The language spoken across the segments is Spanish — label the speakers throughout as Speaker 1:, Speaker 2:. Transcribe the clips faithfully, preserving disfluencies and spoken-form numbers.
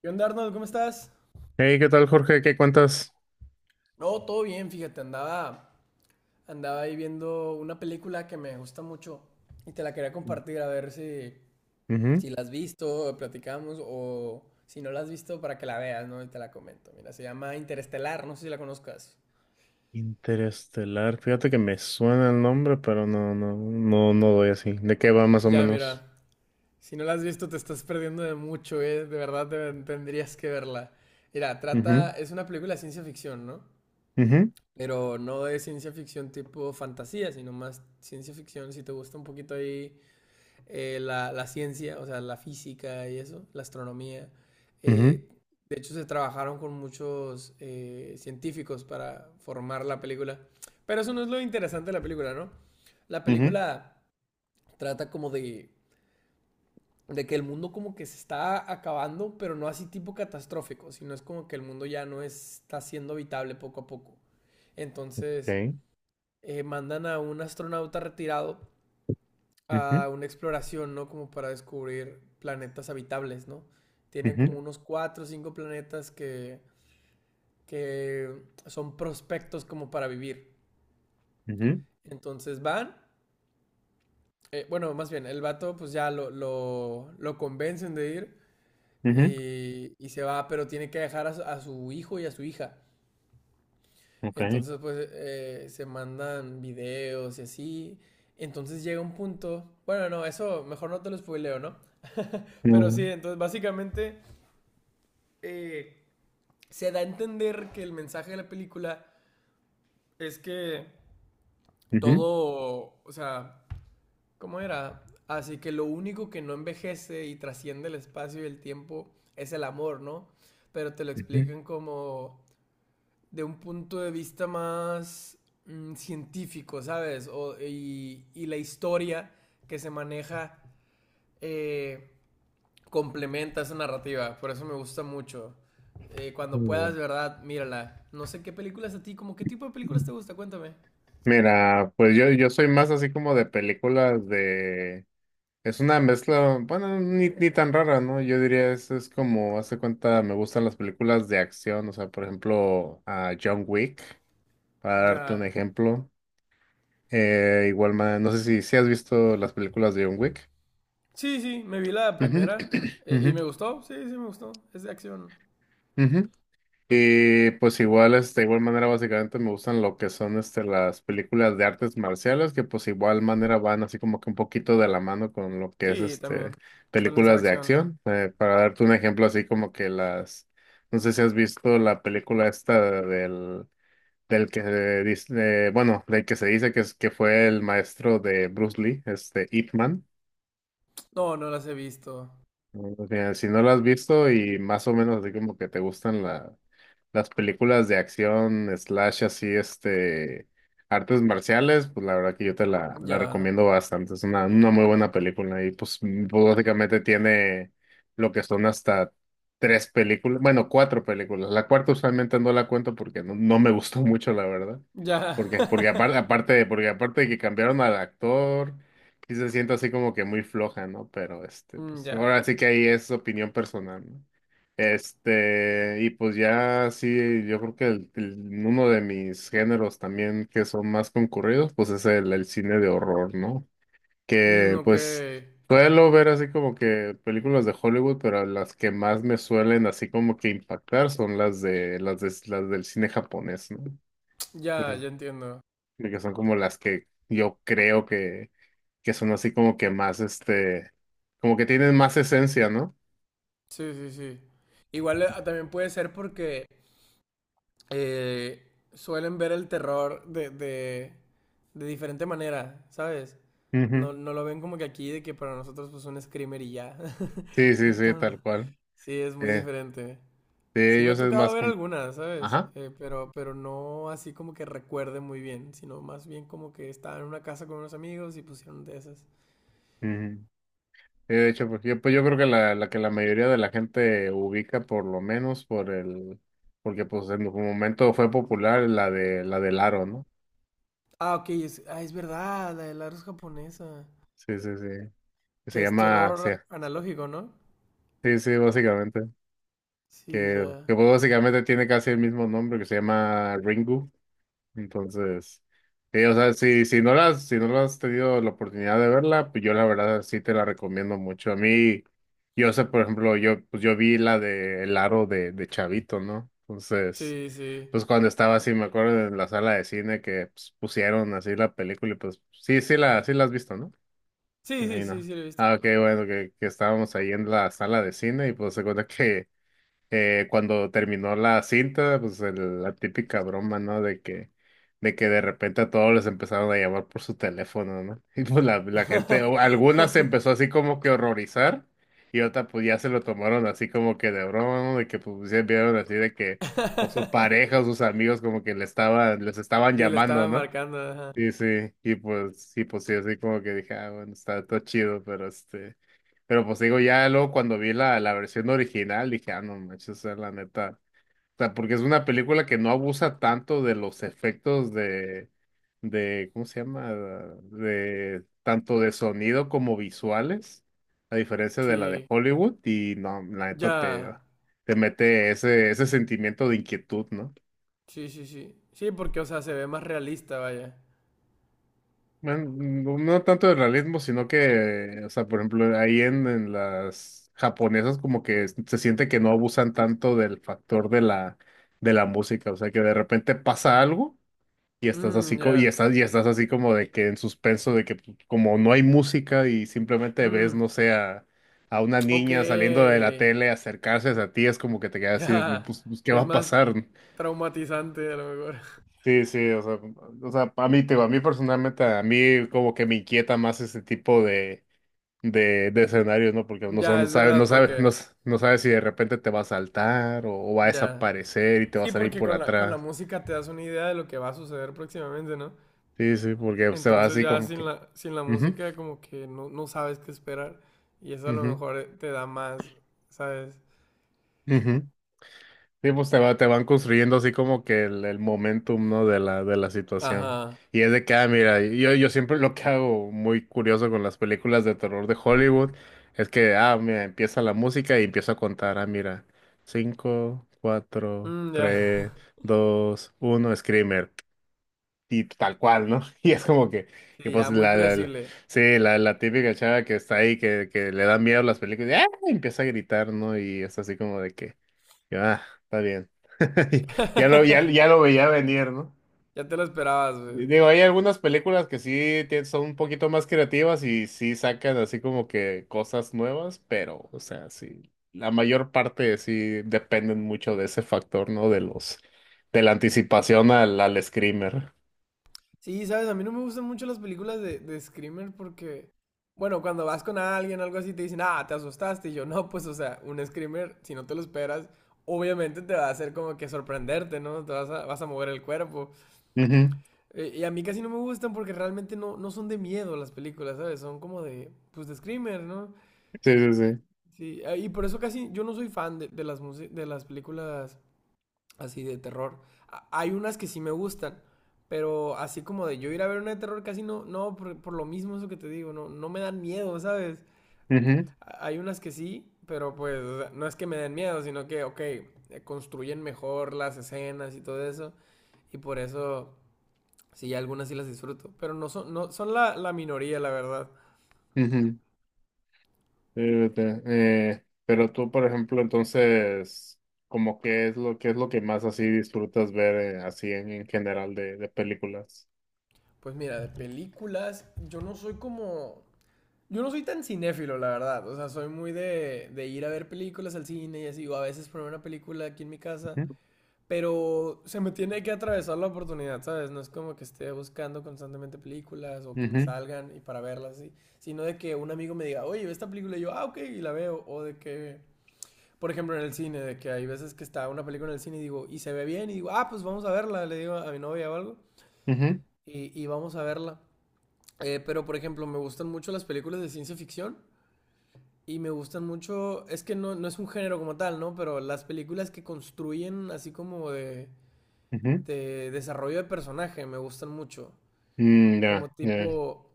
Speaker 1: ¿Qué onda, Arnold? ¿Cómo estás?
Speaker 2: Hey, ¿qué tal, Jorge? ¿Qué cuentas?
Speaker 1: No, todo bien, fíjate, andaba, andaba ahí viendo una película que me gusta mucho y te la quería compartir a ver si,
Speaker 2: Ujú.
Speaker 1: si la has visto, platicamos o si no la has visto para que la veas, ¿no? Y te la comento. Mira, se llama Interestelar, no sé si la conozcas.
Speaker 2: Interestelar. Fíjate que me suena el nombre, pero no, no, no, no doy así. ¿De qué va más o
Speaker 1: Ya,
Speaker 2: menos?
Speaker 1: mira, si no la has visto te estás perdiendo de mucho, ¿eh? De verdad te- tendrías que verla. Mira,
Speaker 2: Ujú,
Speaker 1: trata, es una película de ciencia ficción, ¿no?
Speaker 2: ujú,
Speaker 1: Pero no de ciencia ficción tipo fantasía, sino más ciencia ficción, si te gusta un poquito ahí eh, la, la, ciencia, o sea, la física y eso, la astronomía.
Speaker 2: ujú,
Speaker 1: Eh, de hecho, se trabajaron con muchos eh, científicos para formar la película. Pero eso no es lo interesante de la película, ¿no? La
Speaker 2: ujú.
Speaker 1: película trata como de, de que el mundo como que se está acabando, pero no así tipo catastrófico, sino es como que el mundo ya no está siendo habitable poco a poco. Entonces,
Speaker 2: Okay.
Speaker 1: eh, mandan a un astronauta retirado a
Speaker 2: Ujú,
Speaker 1: una exploración, ¿no? Como para descubrir planetas habitables, ¿no? Tienen como
Speaker 2: ujú,
Speaker 1: unos cuatro o cinco planetas que, que son prospectos como para vivir.
Speaker 2: ujú,
Speaker 1: Entonces van, eh, bueno, más bien, el vato pues ya lo, lo, lo convencen de ir
Speaker 2: ujú.
Speaker 1: y, y se va, pero tiene que dejar a, su- a su hijo y a su hija.
Speaker 2: Okay.
Speaker 1: Entonces pues eh, se mandan videos y así. Entonces llega un punto, bueno, no, eso mejor no te lo spoileo, ¿no? Pero
Speaker 2: Ujú,
Speaker 1: sí, entonces básicamente eh, se da a entender que el mensaje de la película es que
Speaker 2: ujú,
Speaker 1: todo, o sea, ¿cómo era? Así que lo único que no envejece y trasciende el espacio y el tiempo es el amor, ¿no? Pero te lo
Speaker 2: ujú.
Speaker 1: explican como de un punto de vista más mm, científico, ¿sabes? O- y, y la historia que se maneja eh, complementa esa narrativa. Por eso me gusta mucho. Eh, cuando puedas,
Speaker 2: Muy
Speaker 1: de verdad, mírala. No sé qué películas a ti, como qué tipo de películas te
Speaker 2: bien.
Speaker 1: gusta, cuéntame.
Speaker 2: Mira, pues yo, yo soy más así como de películas de Es una mezcla, bueno, ni, ni tan rara, ¿no? Yo diría, es, es como, hace cuenta, me gustan las películas de acción, o sea, por ejemplo, a John Wick, para darte un
Speaker 1: Ya.
Speaker 2: ejemplo. Eh, igual, ma- no sé si, si has visto las películas de John Wick.
Speaker 1: Sí, sí, me vi la
Speaker 2: Ujú,
Speaker 1: primera eh, y
Speaker 2: ujú,
Speaker 1: me gustó. Sí, sí, me gustó. Es de acción.
Speaker 2: ujú. Y pues igual, este, de igual manera, básicamente me gustan lo que son este, las películas de artes marciales, que pues igual manera van así como que un poquito de la mano con lo que es
Speaker 1: Sí,
Speaker 2: este
Speaker 1: también. Suelen ser
Speaker 2: películas de
Speaker 1: acción.
Speaker 2: acción. Eh, para darte un ejemplo, así como que las, no sé si has visto la película esta del, del que dice, eh, bueno, del que se dice que es que fue el maestro de Bruce Lee, este Ip Man.
Speaker 1: No, no las he visto.
Speaker 2: O sea, si no lo has visto y más o menos así como que te gustan la, las películas de acción, slash así, este, artes marciales, pues la verdad que yo te la, la
Speaker 1: Ya.
Speaker 2: recomiendo bastante. Es una, una muy buena película y pues, mm, pues, básicamente tiene lo que son hasta tres películas, bueno, cuatro películas. La cuarta usualmente no la cuento porque no, no me gustó mucho, la verdad.
Speaker 1: Ya.
Speaker 2: Porque, porque aparte, aparte, porque aparte de que cambiaron al actor. Sí se siente así como que muy floja, ¿no? Pero este,
Speaker 1: Mm,
Speaker 2: pues
Speaker 1: ya.
Speaker 2: ahora sí que ahí es opinión personal, ¿no? Este, y pues ya sí, yo creo que el- el- uno de mis géneros también que son más concurridos, pues es el, el cine de horror, ¿no?
Speaker 1: Mm,
Speaker 2: Que
Speaker 1: ok.
Speaker 2: pues suelo ver así como que películas de Hollywood, pero las que más me suelen así como que impactar son las de las de las del cine japonés, ¿no?
Speaker 1: Ya, ya entiendo.
Speaker 2: De que son como las que yo creo que, que son así como que más, este, como que tienen más esencia, ¿no?
Speaker 1: Sí, sí, sí. Igual eh, también puede ser porque eh, suelen ver el terror de, de, de diferente manera, ¿sabes? No,
Speaker 2: Ujú.
Speaker 1: no lo ven como que aquí, de que para nosotros pues un screamer y ya.
Speaker 2: Sí, sí, sí,
Speaker 1: Entonces,
Speaker 2: tal cual.
Speaker 1: sí, es muy
Speaker 2: Eh,
Speaker 1: diferente.
Speaker 2: de
Speaker 1: Sí, me ha
Speaker 2: ellos es
Speaker 1: tocado
Speaker 2: más
Speaker 1: ver
Speaker 2: como,
Speaker 1: algunas, ¿sabes?
Speaker 2: ajá.
Speaker 1: Eh, pero, pero no así como que recuerde muy bien, sino más bien como que estaba en una casa con unos amigos y pusieron de esas.
Speaker 2: Ujú. Sí, de hecho, pues yo, pues yo creo que la, la que la mayoría de la gente ubica por lo menos por el, porque pues en un momento fue popular la de la del aro, ¿no?
Speaker 1: Ah, ok, es, ah, es verdad, la de la japonesa.
Speaker 2: Sí, sí, sí. Que
Speaker 1: Que
Speaker 2: se
Speaker 1: es
Speaker 2: llama, sí,
Speaker 1: terror analógico, ¿no?
Speaker 2: sí, sí, básicamente.
Speaker 1: Sí,
Speaker 2: Que,
Speaker 1: ya.
Speaker 2: que pues básicamente tiene casi el mismo nombre que se llama Ringu. Entonces, sí, o sea, si, si no las, si no la has tenido la oportunidad de verla, pues yo la verdad sí te la recomiendo mucho. A mí, yo sé, por ejemplo, yo, pues yo vi la de El Aro de, de Chavito, ¿no? Entonces,
Speaker 1: Sí, sí.
Speaker 2: pues cuando estaba así, me acuerdo en la sala de cine que pues, pusieron así la película y pues sí, sí la, sí la has visto, ¿no?
Speaker 1: Sí,
Speaker 2: Me
Speaker 1: sí, sí,
Speaker 2: imagino.
Speaker 1: sí, lo he visto.
Speaker 2: Ah, ok, bueno, que, que estábamos ahí en la sala de cine y pues se cuenta que eh, cuando terminó la cinta, pues el- la típica broma, ¿no? De que, de que de repente a todos les empezaron a llamar por su teléfono, ¿no? Y pues la, la gente, o algunas se empezó así como que a horrorizar y otras pues ya se lo tomaron así como que de broma, ¿no? De que pues se vieron así de que o su pareja o sus amigos como que le estaban, les estaban
Speaker 1: Sí, le estaba
Speaker 2: llamando, ¿no?
Speaker 1: marcando, ajá.
Speaker 2: Sí, sí, y pues, sí, pues sí, así como que dije, ah, bueno, está todo chido, pero este, pero pues digo, ya luego cuando vi la, la versión original, dije, ah, no manches, o sea, la neta, o sea, porque es una película que no abusa tanto de los efectos de, de, ¿cómo se llama? De, tanto de sonido como visuales, a diferencia de la de
Speaker 1: Sí,
Speaker 2: Hollywood, y no, la neta te,
Speaker 1: ya.
Speaker 2: te mete ese, ese sentimiento de inquietud, ¿no?
Speaker 1: Sí, sí, sí. Sí, porque, o sea, se ve más realista, vaya.
Speaker 2: Bueno, no, no tanto de realismo, sino que, o sea, por ejemplo, ahí en, en, las japonesas como que s- se siente que no abusan tanto del factor de la, de la música, o sea, que de repente pasa algo y estás
Speaker 1: Mmm,
Speaker 2: así, co- y
Speaker 1: ya.
Speaker 2: estás, y estás así como de que en suspenso, de que pues, como no hay música y simplemente ves,
Speaker 1: Mmm,
Speaker 2: no sé, a, a una
Speaker 1: ok.
Speaker 2: niña saliendo de la tele acercarse a ti, es como que te quedas así, no,
Speaker 1: Ya.
Speaker 2: pues, pues, ¿qué va
Speaker 1: Es
Speaker 2: a
Speaker 1: más
Speaker 2: pasar?
Speaker 1: traumatizante, a lo mejor.
Speaker 2: Sí, sí, o sea, o sea, a mí, te digo, a mí personalmente, a mí como que me inquieta más ese tipo de, de, de escenarios, ¿no? Porque no, sa-
Speaker 1: Ya,
Speaker 2: no
Speaker 1: es
Speaker 2: sabes,
Speaker 1: verdad,
Speaker 2: no sabes, no,
Speaker 1: porque.
Speaker 2: s- no sabes si de repente te va a saltar o, o va a
Speaker 1: Ya.
Speaker 2: desaparecer y te va a
Speaker 1: Sí,
Speaker 2: salir
Speaker 1: porque
Speaker 2: por
Speaker 1: con la, con la
Speaker 2: atrás.
Speaker 1: música te das una idea de lo que va a suceder próximamente, ¿no?
Speaker 2: Sí, sí, porque se va
Speaker 1: Entonces
Speaker 2: así
Speaker 1: ya
Speaker 2: como
Speaker 1: sin
Speaker 2: que.
Speaker 1: la, sin la
Speaker 2: Ujú,
Speaker 1: música como que no, no sabes qué esperar y eso a lo
Speaker 2: ujú,
Speaker 1: mejor eh, te da más, ¿sabes?
Speaker 2: ujú. Sí, pues te va, te van construyendo así como que el, el momentum, ¿no? De la, de la situación.
Speaker 1: Ajá.
Speaker 2: Y es de que, ah, mira, yo, yo siempre lo que hago muy curioso con las películas de terror de Hollywood es que, ah, mira, empieza la música y empiezo a contar, ah, mira, cinco, cuatro,
Speaker 1: Mm, ya.
Speaker 2: tres, dos, uno, Screamer. Y tal cual, ¿no? Y es como que, y
Speaker 1: Sí,
Speaker 2: pues
Speaker 1: ya muy
Speaker 2: la, la- la-
Speaker 1: predecible.
Speaker 2: sí, la, la típica chava que está ahí, que, que le da miedo las películas, y, ah, empieza a gritar, ¿no? Y es así como de que... Ah, está bien. Ya lo, ya, ya lo veía venir, ¿no?
Speaker 1: Ya te lo esperabas, pues.
Speaker 2: Digo, hay algunas películas que sí tien- son un poquito más creativas y sí sacan así como que cosas nuevas, pero, o sea, sí, la mayor parte sí dependen mucho de ese factor, ¿no? De los, de la anticipación al, al screamer.
Speaker 1: Sí, sabes, a mí no me gustan mucho las películas de, de Screamer porque, bueno, cuando vas con alguien o algo así te dicen, ah, te asustaste. Y yo, no, pues, o sea, un Screamer, si no te lo esperas, obviamente te va a hacer como que sorprenderte, ¿no? Te vas a, vas a mover el cuerpo.
Speaker 2: Ujú.
Speaker 1: Eh, y a mí casi no me gustan porque realmente no, no son de miedo las películas, ¿sabes? Son como de, pues de screamer, ¿no?
Speaker 2: Sí, sí, sí.
Speaker 1: Sí, eh, y por eso casi yo no soy fan de, de las, musi- de las películas así de terror. A- hay unas que sí me gustan, pero así como de yo ir a ver una de terror casi no, no, por, por lo mismo eso que te digo, no, no me dan miedo, ¿sabes?
Speaker 2: Ujú,
Speaker 1: A- Hay unas que sí, pero pues o sea, no es que me den miedo, sino que, ok, eh, construyen mejor las escenas y todo eso, y por eso... Sí, algunas sí las disfruto, pero no son, no, son la, la minoría, la verdad.
Speaker 2: ujú. Fíjate, eh, pero tú, por ejemplo, entonces, ¿como qué es lo, qué es lo que más así disfrutas ver eh, así en, en general de, de películas?
Speaker 1: Pues mira, de películas, yo no soy como... Yo no soy tan cinéfilo, la verdad. O sea, soy muy de, de ir a ver películas al cine y así, o a veces poner una película aquí en mi casa,
Speaker 2: Ujú,
Speaker 1: pero se me tiene que atravesar la oportunidad, ¿sabes? No es como que esté buscando constantemente películas o que me
Speaker 2: ujú,
Speaker 1: salgan y para verlas, ¿sí? Sino de que un amigo me diga, oye, ve esta película y yo, ah, ok, y la veo, o de que por ejemplo, en el cine, de que hay veces que está una película en el cine y digo, y se ve bien, y digo, ah, pues vamos a verla, le digo a mi novia o algo,
Speaker 2: ujú,
Speaker 1: y, y vamos a verla. Eh, pero, por ejemplo, me gustan mucho las películas de ciencia ficción y me gustan mucho, es que no, no es un género como tal, ¿no? Pero las películas que construyen así como de,
Speaker 2: ujú.
Speaker 1: de desarrollo de personaje me gustan mucho.
Speaker 2: Mm,
Speaker 1: Como
Speaker 2: ya, ya.
Speaker 1: tipo,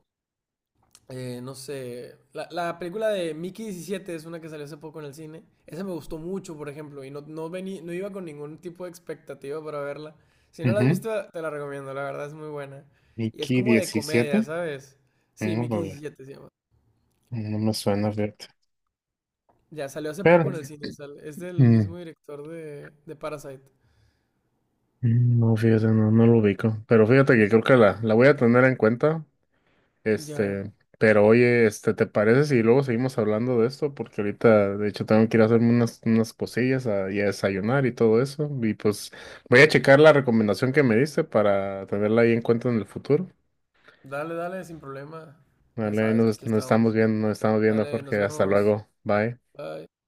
Speaker 1: eh, no sé, la, la película de Mickey diecisiete es una que salió hace poco en el cine. Esa me gustó mucho, por ejemplo, y no, no, vení- no iba con ningún tipo de expectativa para verla. Si no la has
Speaker 2: Ujú.
Speaker 1: visto, te la recomiendo, la verdad es muy buena. Y es
Speaker 2: Mickey
Speaker 1: como de comedia,
Speaker 2: diecisiete.
Speaker 1: ¿sabes? Sí,
Speaker 2: No,
Speaker 1: Mickey
Speaker 2: vale,
Speaker 1: diecisiete se llama.
Speaker 2: no me suena, fíjate.
Speaker 1: Ya, salió hace poco
Speaker 2: Pero,
Speaker 1: en el cine, sal- es del
Speaker 2: mm,
Speaker 1: mismo director de, de Parasite.
Speaker 2: mm, no, fíjate, no, no lo ubico. Pero fíjate que creo que la, la voy a tener en cuenta.
Speaker 1: Ya,
Speaker 2: Este, pero oye, este, ¿te parece si luego seguimos hablando de esto? Porque ahorita, de hecho, tengo que ir a hacerme unas, unas cosillas a, y a desayunar y todo eso. Y pues voy a checar la recomendación que me diste para tenerla ahí en cuenta en el futuro.
Speaker 1: dale, dale, sin problema. Ya
Speaker 2: Vale, ahí
Speaker 1: sabes que
Speaker 2: nos,
Speaker 1: aquí
Speaker 2: nos
Speaker 1: estamos.
Speaker 2: estamos viendo, nos estamos viendo,
Speaker 1: Dale, nos
Speaker 2: Jorge. Hasta
Speaker 1: vemos.
Speaker 2: luego. Bye.
Speaker 1: Bye.